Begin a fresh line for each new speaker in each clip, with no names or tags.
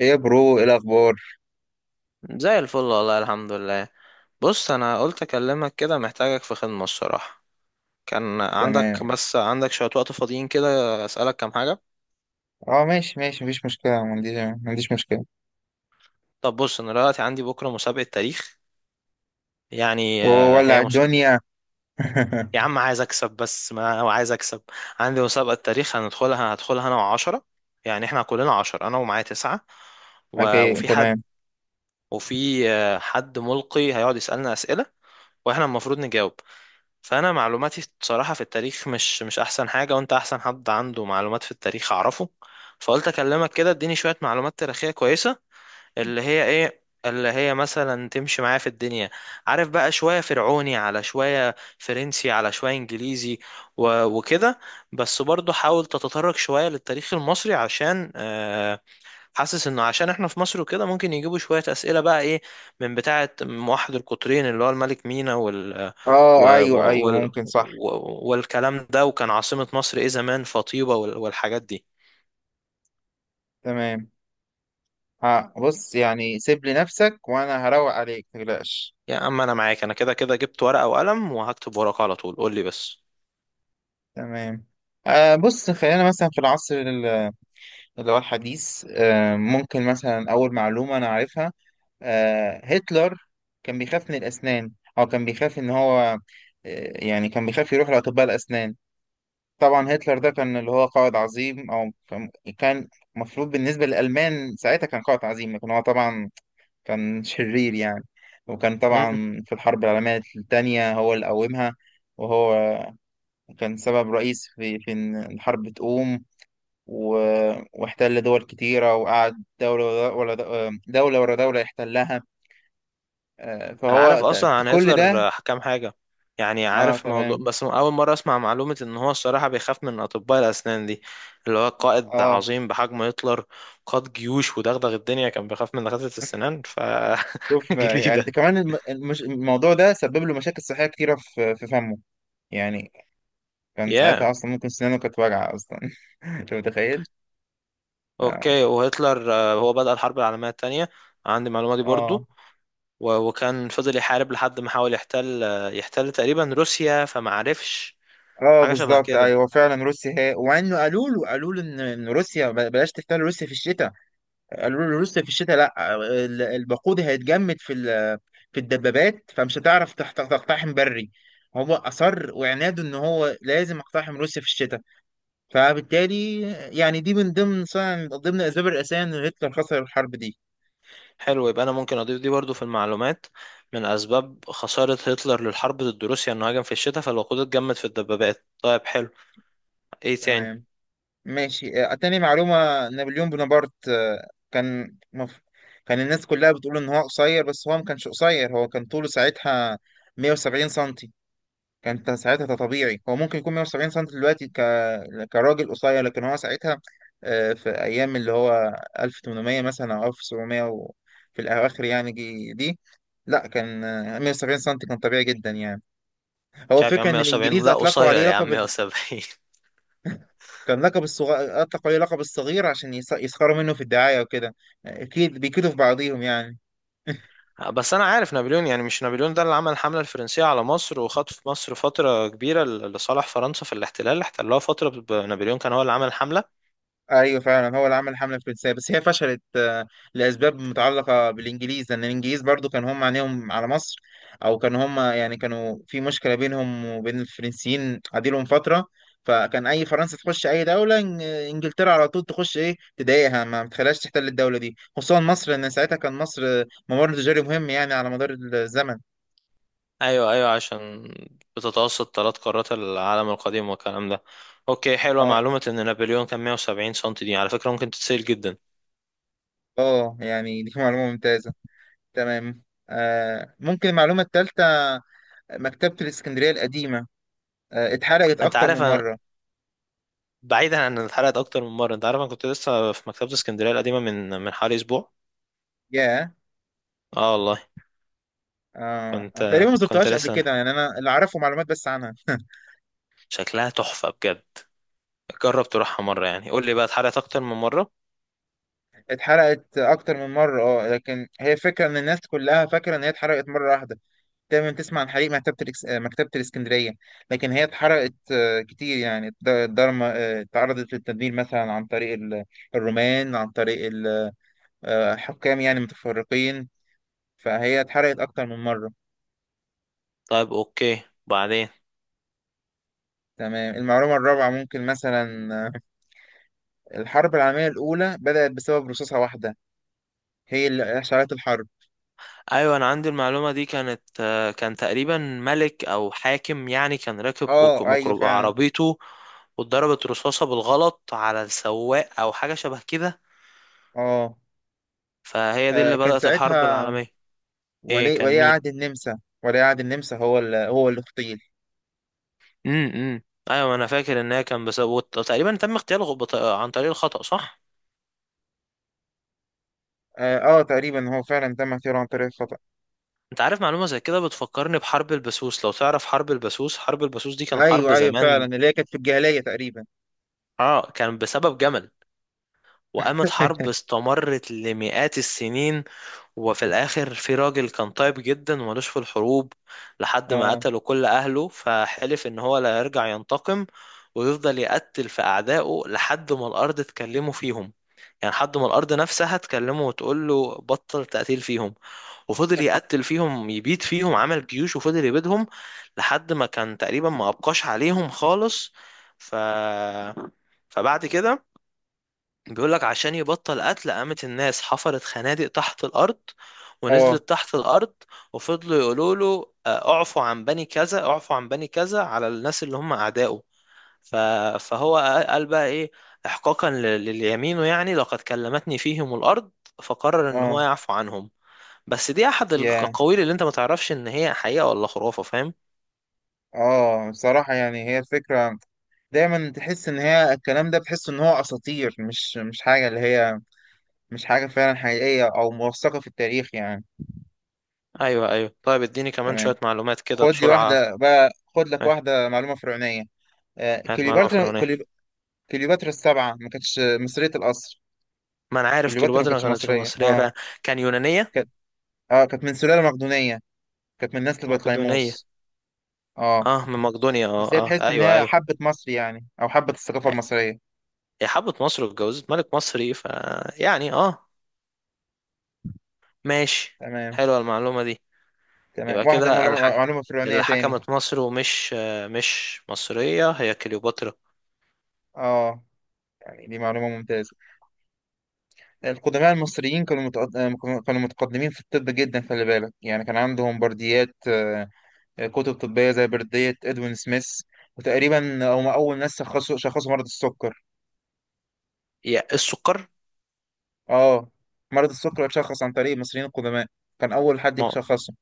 ايه يا برو، ايه الاخبار؟
زي الفل والله الحمد لله. بص، انا قلت اكلمك كده، محتاجك في خدمة الصراحة. كان
تمام.
عندك بس عندك شوية وقت فاضيين كده، اسألك كام حاجة.
اه ماشي ماشي، مفيش مشكله. ما عنديش مشكله.
طب بص، انا دلوقتي عندي بكرة مسابقة تاريخ، يعني
وولع
هي مش...
الدنيا.
يا عم عايز اكسب، بس ما هو عايز اكسب. عندي مسابقة تاريخ هندخلها، هدخلها انا وعشرة، يعني احنا كلنا عشرة، انا ومعايا تسعة.
اوكي
وفي حد،
تمام.
وفي حد ملقي هيقعد يسألنا أسئلة واحنا المفروض نجاوب. فانا معلوماتي بصراحه في التاريخ مش احسن حاجه، وانت احسن حد عنده معلومات في التاريخ اعرفه. فقلت اكلمك كده اديني شويه معلومات تاريخيه كويسه، اللي هي ايه، اللي هي مثلا تمشي معايا في الدنيا. عارف بقى شويه فرعوني على شويه فرنسي على شويه انجليزي وكده. بس برضو حاول تتطرق شويه للتاريخ المصري عشان حاسس انه عشان احنا في مصر وكده ممكن يجيبوا شوية اسئلة بقى ايه، من بتاعة موحد القطرين اللي هو الملك مينا وال...
اه ايوه ايوه، ممكن صح.
والكلام ده، وكان عاصمة مصر ايه زمان، فطيبة والحاجات دي.
تمام. بص، يعني سيب لي نفسك وانا هروق عليك، متقلقش.
يا اما انا معاك، انا كده كده جبت ورقة وقلم وهكتب ورقة على طول، قول لي بس.
تمام. بص، خلينا مثلا في العصر اللي هو الحديث. ممكن مثلا اول معلومه انا عارفها. هتلر كان بيخاف من الاسنان، او كان بيخاف ان هو يعني كان بيخاف يروح لاطباء الاسنان. طبعا هتلر ده كان اللي هو قائد عظيم، او كان. كان مفروض بالنسبه للالمان ساعتها كان قائد عظيم، لكن هو طبعا كان شرير يعني. وكان طبعا في الحرب العالميه الثانيه هو اللي قومها، وهو كان سبب رئيسي في ان الحرب تقوم. و... واحتل دول كتيره، وقعد دوله ورا دوله ورا دوله يحتلها.
انا عارف اصلا عن
كل
هتلر
ده.
كام حاجه، يعني
اه
عارف موضوع،
تمام.
بس اول مره اسمع معلومه ان هو الصراحه بيخاف من اطباء الاسنان دي. اللي هو قائد
اه،
عظيم بحجم هتلر، قاد جيوش ودغدغ الدنيا، كان بيخاف من دكاتره السنان ف
شوف. يعني
جديده.
كمان الموضوع ده سبب له مشاكل صحيه كتيره في فمه يعني. كان
يا
ساعتها اصلا ممكن سنانه كانت واجعه اصلا. انت متخيل؟ اه
اوكي، وهتلر هو بدأ الحرب العالميه الثانيه، عندي المعلومه دي
اه.
برضو. وكان فضل يحارب لحد ما حاول يحتل يحتل تقريبا روسيا، فما عرفش، حاجه شبه
بالظبط
كده.
ايوه فعلا روسيا هي. وانه قالوا له إن روسيا بلاش تحتل روسيا في الشتاء. قالوا له روسيا في الشتاء لا الوقود هيتجمد في في الدبابات، فمش هتعرف تقتحم بري. هو اصر وعناده ان هو لازم اقتحم روسيا في الشتاء، فبالتالي يعني دي من ضمن الاسباب الرئيسيه ان هتلر خسر الحرب دي.
حلو، يبقى انا ممكن اضيف دي برضو في المعلومات. من اسباب خسارة هتلر للحرب ضد روسيا انه هاجم في الشتاء فالوقود اتجمد في الدبابات. طيب حلو، ايه تاني؟
تمام ماشي. تاني معلومة: نابليون بونابرت. كان الناس كلها بتقول إن هو قصير، بس هو ما كانش قصير، هو كان طوله ساعتها 170 سنتي. ساعتها ده طبيعي، هو ممكن يكون 170 سنتي دلوقتي كراجل قصير، لكن هو ساعتها في أيام اللي هو 1800 مثلا، أو 1700 في الأواخر يعني، دي لا، كان 170 سنتي كان طبيعي جدا يعني.
مش
هو
عارف يا
فكرة
عم،
إن
170
الإنجليز
لا
أطلقوا
قصير،
عليه
يا عم
لقب،
170.
كان لقب الصغير، أطلقوا عليه لقب الصغير عشان يسخروا منه في الدعاية وكده، أكيد بيكيدوا في بعضيهم يعني.
بس انا عارف نابليون يعني، مش نابليون ده اللي عمل الحملة الفرنسية على مصر وخطف مصر فترة كبيرة لصالح فرنسا في الاحتلال اللي احتلوها فترة نابليون كان هو اللي عمل الحملة.
أيوه فعلا هو اللي عمل الحملة الفرنسية، بس هي فشلت لأسباب متعلقة بالإنجليز، لأن الإنجليز برضو كان هم عينيهم على مصر. أو كان هم يعني كانوا في مشكلة بينهم وبين الفرنسيين عديلهم فترة. فكان أي فرنسا تخش أي دولة، إنجلترا على طول تخش، إيه، تضايقها، ما بتخليهاش تحتل الدولة دي، خصوصا مصر، لأن ساعتها كان مصر ممر تجاري مهم يعني على مدار الزمن.
ايوه ايوه، عشان بتتوسط ثلاث قارات العالم القديم والكلام ده. اوكي، حلوة
اه
معلومة ان نابليون كان 170 سم، دي على فكرة ممكن تتسأل جدا.
اه، يعني دي معلومة ممتازة. تمام. ممكن المعلومة الثالثة: مكتبة الإسكندرية القديمة اتحرقت
انت
أكتر
عارف
من
انا،
مرة.
بعيدا عن ان اتحرقت اكتر من مره، انت عارف انا كنت لسه في مكتبه اسكندريه القديمه من حوالي اسبوع.
ياه.
اه والله. كنت
تقريبا ما
كنت
زرتهاش قبل
لسه،
كده يعني، أنا اللي أعرفه معلومات بس عنها.
شكلها تحفه بجد، جرب تروحها مره، يعني قول لي بقى، اتحرقت اكتر من مره.
اتحرقت أكتر من مرة اه، لكن هي فكرة إن الناس كلها فاكرة إن هي اتحرقت مرة واحدة. دايما تسمع عن حريق مكتبة الإكس... آه، مكتبة الإسكندرية، لكن هي اتحرقت كتير يعني. الضرمة تعرضت للتدمير مثلا عن طريق الرومان، عن طريق حكام يعني متفرقين. فهي اتحرقت أكتر من مرة.
طيب اوكي، بعدين.
تمام. المعلومة الرابعة ممكن مثلا الحرب العالمية الأولى بدأت بسبب رصاصة واحدة، هي اللي أشعلت الحرب.
ايوه انا عندي المعلومه دي، كانت كان تقريبا ملك او حاكم يعني، كان راكب
اه أيوه فعلا.
عربيته، واتضربت رصاصه بالغلط على السواق او حاجه شبه كده.
اه،
فهي دي اللي
كان
بدأت الحرب
ساعتها
العالميه. ايه كان
ولي
مين؟
عهد النمسا، هو اللي اغتيل.
امم امم. ايوه انا فاكر ان هي كان بسبب تقريبا تم اغتياله عن طريق الخطأ، صح؟
اه، تقريبا هو فعلا تم اغتياله عن طريق الخطأ.
انت عارف معلومه زي كده بتفكرني بحرب البسوس، لو تعرف حرب البسوس. حرب البسوس دي كان حرب
ايوه ايوه فعلا،
زمان،
اللي هي كانت في الجاهلية تقريبا.
اه كان بسبب جمل، وقامت حرب استمرت لمئات السنين. وفي الاخر في راجل كان طيب جدا ومالوش في الحروب، لحد ما
اه
قتلوا كل اهله فحلف ان هو لا يرجع ينتقم، ويفضل يقتل في اعدائه لحد ما الارض تكلمه فيهم. يعني لحد ما الارض نفسها تكلمه وتقول له بطل تقتيل فيهم. وفضل يقتل فيهم، يبيد فيهم، عمل جيوش وفضل يبيدهم، لحد ما كان تقريبا ما ابقاش عليهم خالص. ف، فبعد كده بيقول لك عشان يبطل قتل، قامت الناس حفرت خنادق تحت الأرض
اه
ونزلت تحت الأرض، وفضلوا يقولوا له اعفوا عن بني كذا، اعفوا عن بني كذا، على الناس اللي هم أعدائه. ف- فهو قال بقى إيه، إحقاقا لليمينه يعني، لقد كلمتني فيهم الأرض، فقرر إن هو
اه،
يعفو عنهم. بس دي أحد
يا
الأقاويل اللي أنت ما تعرفش إن هي حقيقة ولا خرافة، فاهم؟
اه، بصراحة يعني هي الفكرة دايما تحس ان هي الكلام ده، بتحس ان هو اساطير. مش حاجه فعلا حقيقيه او موثقه في التاريخ يعني.
أيوه أيوه، طيب اديني كمان
تمام.
شوية معلومات كده
خد لي
بسرعة.
واحده بقى، خد لك
إيه،
واحده معلومه فرعونيه. آه،
هات معلومة
كليوباترا
فرعونية.
كليو- كليوباترا السبعه ما كانتش مصريه الاصل.
ما انا عارف
كليوباترا ما
كليوباترا ما
كانتش
كانتش
مصريه،
مصرية
اه.
فعلا. كان يونانية،
كانت اه كانت من سلاله مقدونيه، كانت من نسل
مقدونية.
بطليموس. اه،
اه، من مقدونيا، اه
بس هي
اه،
تحس ان
ايوه
هي
ايوه.
حبه مصر يعني او حبه الثقافه المصريه.
هي حبت مصر واتجوزت ملك مصري ف، يعني اه، ماشي،
تمام.
حلوة المعلومة دي. يبقى
تمام، واحده
كده الحك...
معلومة فرعونيه
اللي
تاني.
حكمت مصر ومش مش مصرية هي كليوباترا.
اه يعني دي معلومه ممتازه. القدماء المصريين كانوا كانوا متقدمين في الطب جدا. خلي بالك يعني كان عندهم برديات كتب طبية زي بردية ادوين سميث، وتقريبا هم أول ناس شخصوا مرض السكر.
يا السكر.
اه، مرض السكر اتشخص عن طريق المصريين القدماء، كان أول حد
مو-
يشخصه.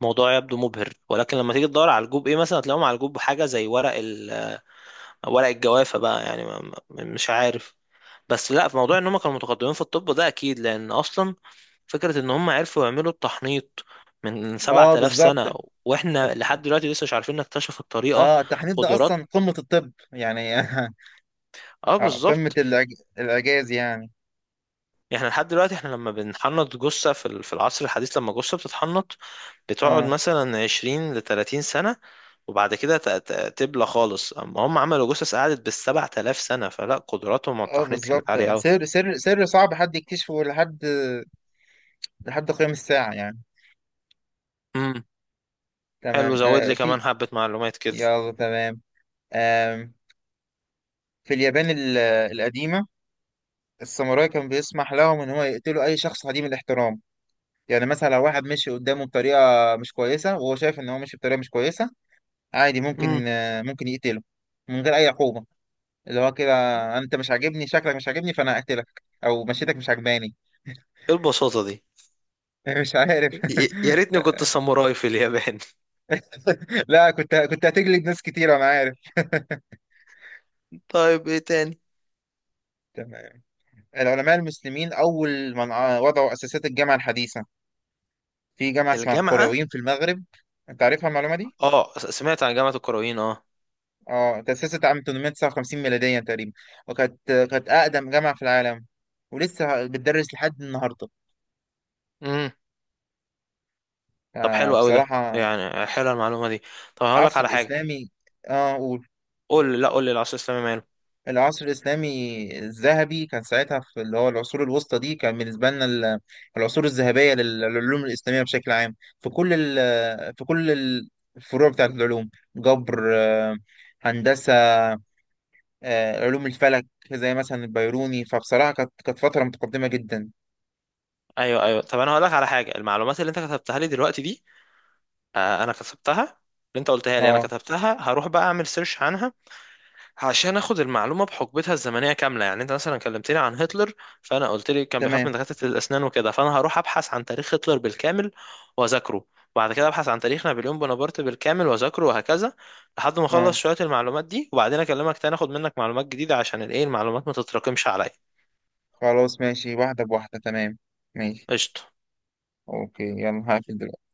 موضوع يبدو مبهر، ولكن لما تيجي تدور على الجوب ايه مثلا هتلاقيهم على الجوب حاجة زي ورق ال... ورق الجوافة بقى يعني، مش عارف. بس لا، في موضوع ان هم كانوا متقدمين في الطب ده اكيد، لان اصلا فكرة ان هم عرفوا يعملوا التحنيط من
اه
7000
بالظبط.
سنة،
الت-
واحنا لحد دلوقتي لسه مش عارفين نكتشف الطريقة.
اه التحنيط ده
قدرات،
أصلا قمة الطب يعني.
اه
اه، قمة
بالظبط.
الإعجاز يعني.
احنا لحد دلوقتي، احنا لما بنحنط جثة في ال... في العصر الحديث، لما جثة بتتحنط بتقعد
اه
مثلا 20 ل 30 سنة وبعد كده تبلى خالص، اما هم عملوا جثث قعدت بال 7000 سنة، فلا قدراتهم على
اه
التحنيط كانت عالية
بالظبط.
قوي.
سر صعب حد يكتشفه، لحد قيام الساعة يعني.
امم. حلو،
تمام.
زود
آه
لي
في
كمان حبة معلومات كده.
يلا تمام. آم، في اليابان القديمة، الساموراي كان بيسمح لهم إن هو يقتلوا أي شخص عديم الاحترام. يعني مثلا لو واحد مشي قدامه بطريقة مش كويسة، وهو شايف إن هو مشي بطريقة مش كويسة، عادي
امم،
ممكن يقتله من غير أي عقوبة. اللي هو كده: أنت مش عاجبني، شكلك مش عاجبني، فأنا هقتلك، أو مشيتك مش عجباني.
ايه البساطة دي؟
مش عارف.
يا ريتني كنت ساموراي في اليابان.
لا، كنت هتجلد ناس كتير أنا عارف.
طيب ايه تاني؟
تمام. العلماء المسلمين أول من وضعوا أساسات الجامعة الحديثة، في جامعة اسمها
الجامعة؟
القرويين في المغرب. انت عارفها المعلومة دي؟
اه، سمعت عن جامعة الكرويين، اه.
اه. تأسست عام 859 ميلاديا تقريبا، كانت أقدم جامعة في العالم، ولسه بتدرس لحد النهاردة.
امم. طب حلو قوي ده،
بصراحة،
يعني حلوه المعلومة دي. طب هقول لك
العصر
على حاجة.
الإسلامي. اه قول.
قول لي، لا قول لي، العصر الإسلامي ماله.
العصر الإسلامي الذهبي كان ساعتها في اللي هو العصور الوسطى دي، كان بالنسبة لنا العصور الذهبية للعلوم الإسلامية بشكل عام، في كل ال- في كل الفروع بتاعت العلوم: جبر، هندسة، علوم الفلك، زي مثلا البيروني. فبصراحة كانت فترة متقدمة جدا.
ايوه ايوه، طب انا هقول لك على حاجة. المعلومات اللي انت كتبتها لي دلوقتي دي، آه انا كتبتها، اللي انت قلتها لي انا
اه
كتبتها، هروح بقى اعمل سيرش عنها عشان اخد المعلومه بحقبتها الزمنيه كامله. يعني انت مثلا كلمتني عن هتلر، فانا قلت لي كان بيخاف من
تمام
دكاتره الاسنان وكده، فانا هروح ابحث عن تاريخ هتلر بالكامل واذاكره، وبعد كده ابحث عن تاريخ نابليون بونابرت بالكامل واذاكره، وهكذا، لحد ما اخلص
اه.
شويه المعلومات دي، وبعدين اكلمك تاني اخد منك معلومات جديده، عشان الايه المعلومات ما تتراكمش عليا.
خلاص ماشي، واحدة بواحدة. تمام ماشي.
قشطه.
اوكي، يلا هقفل دلوقتي.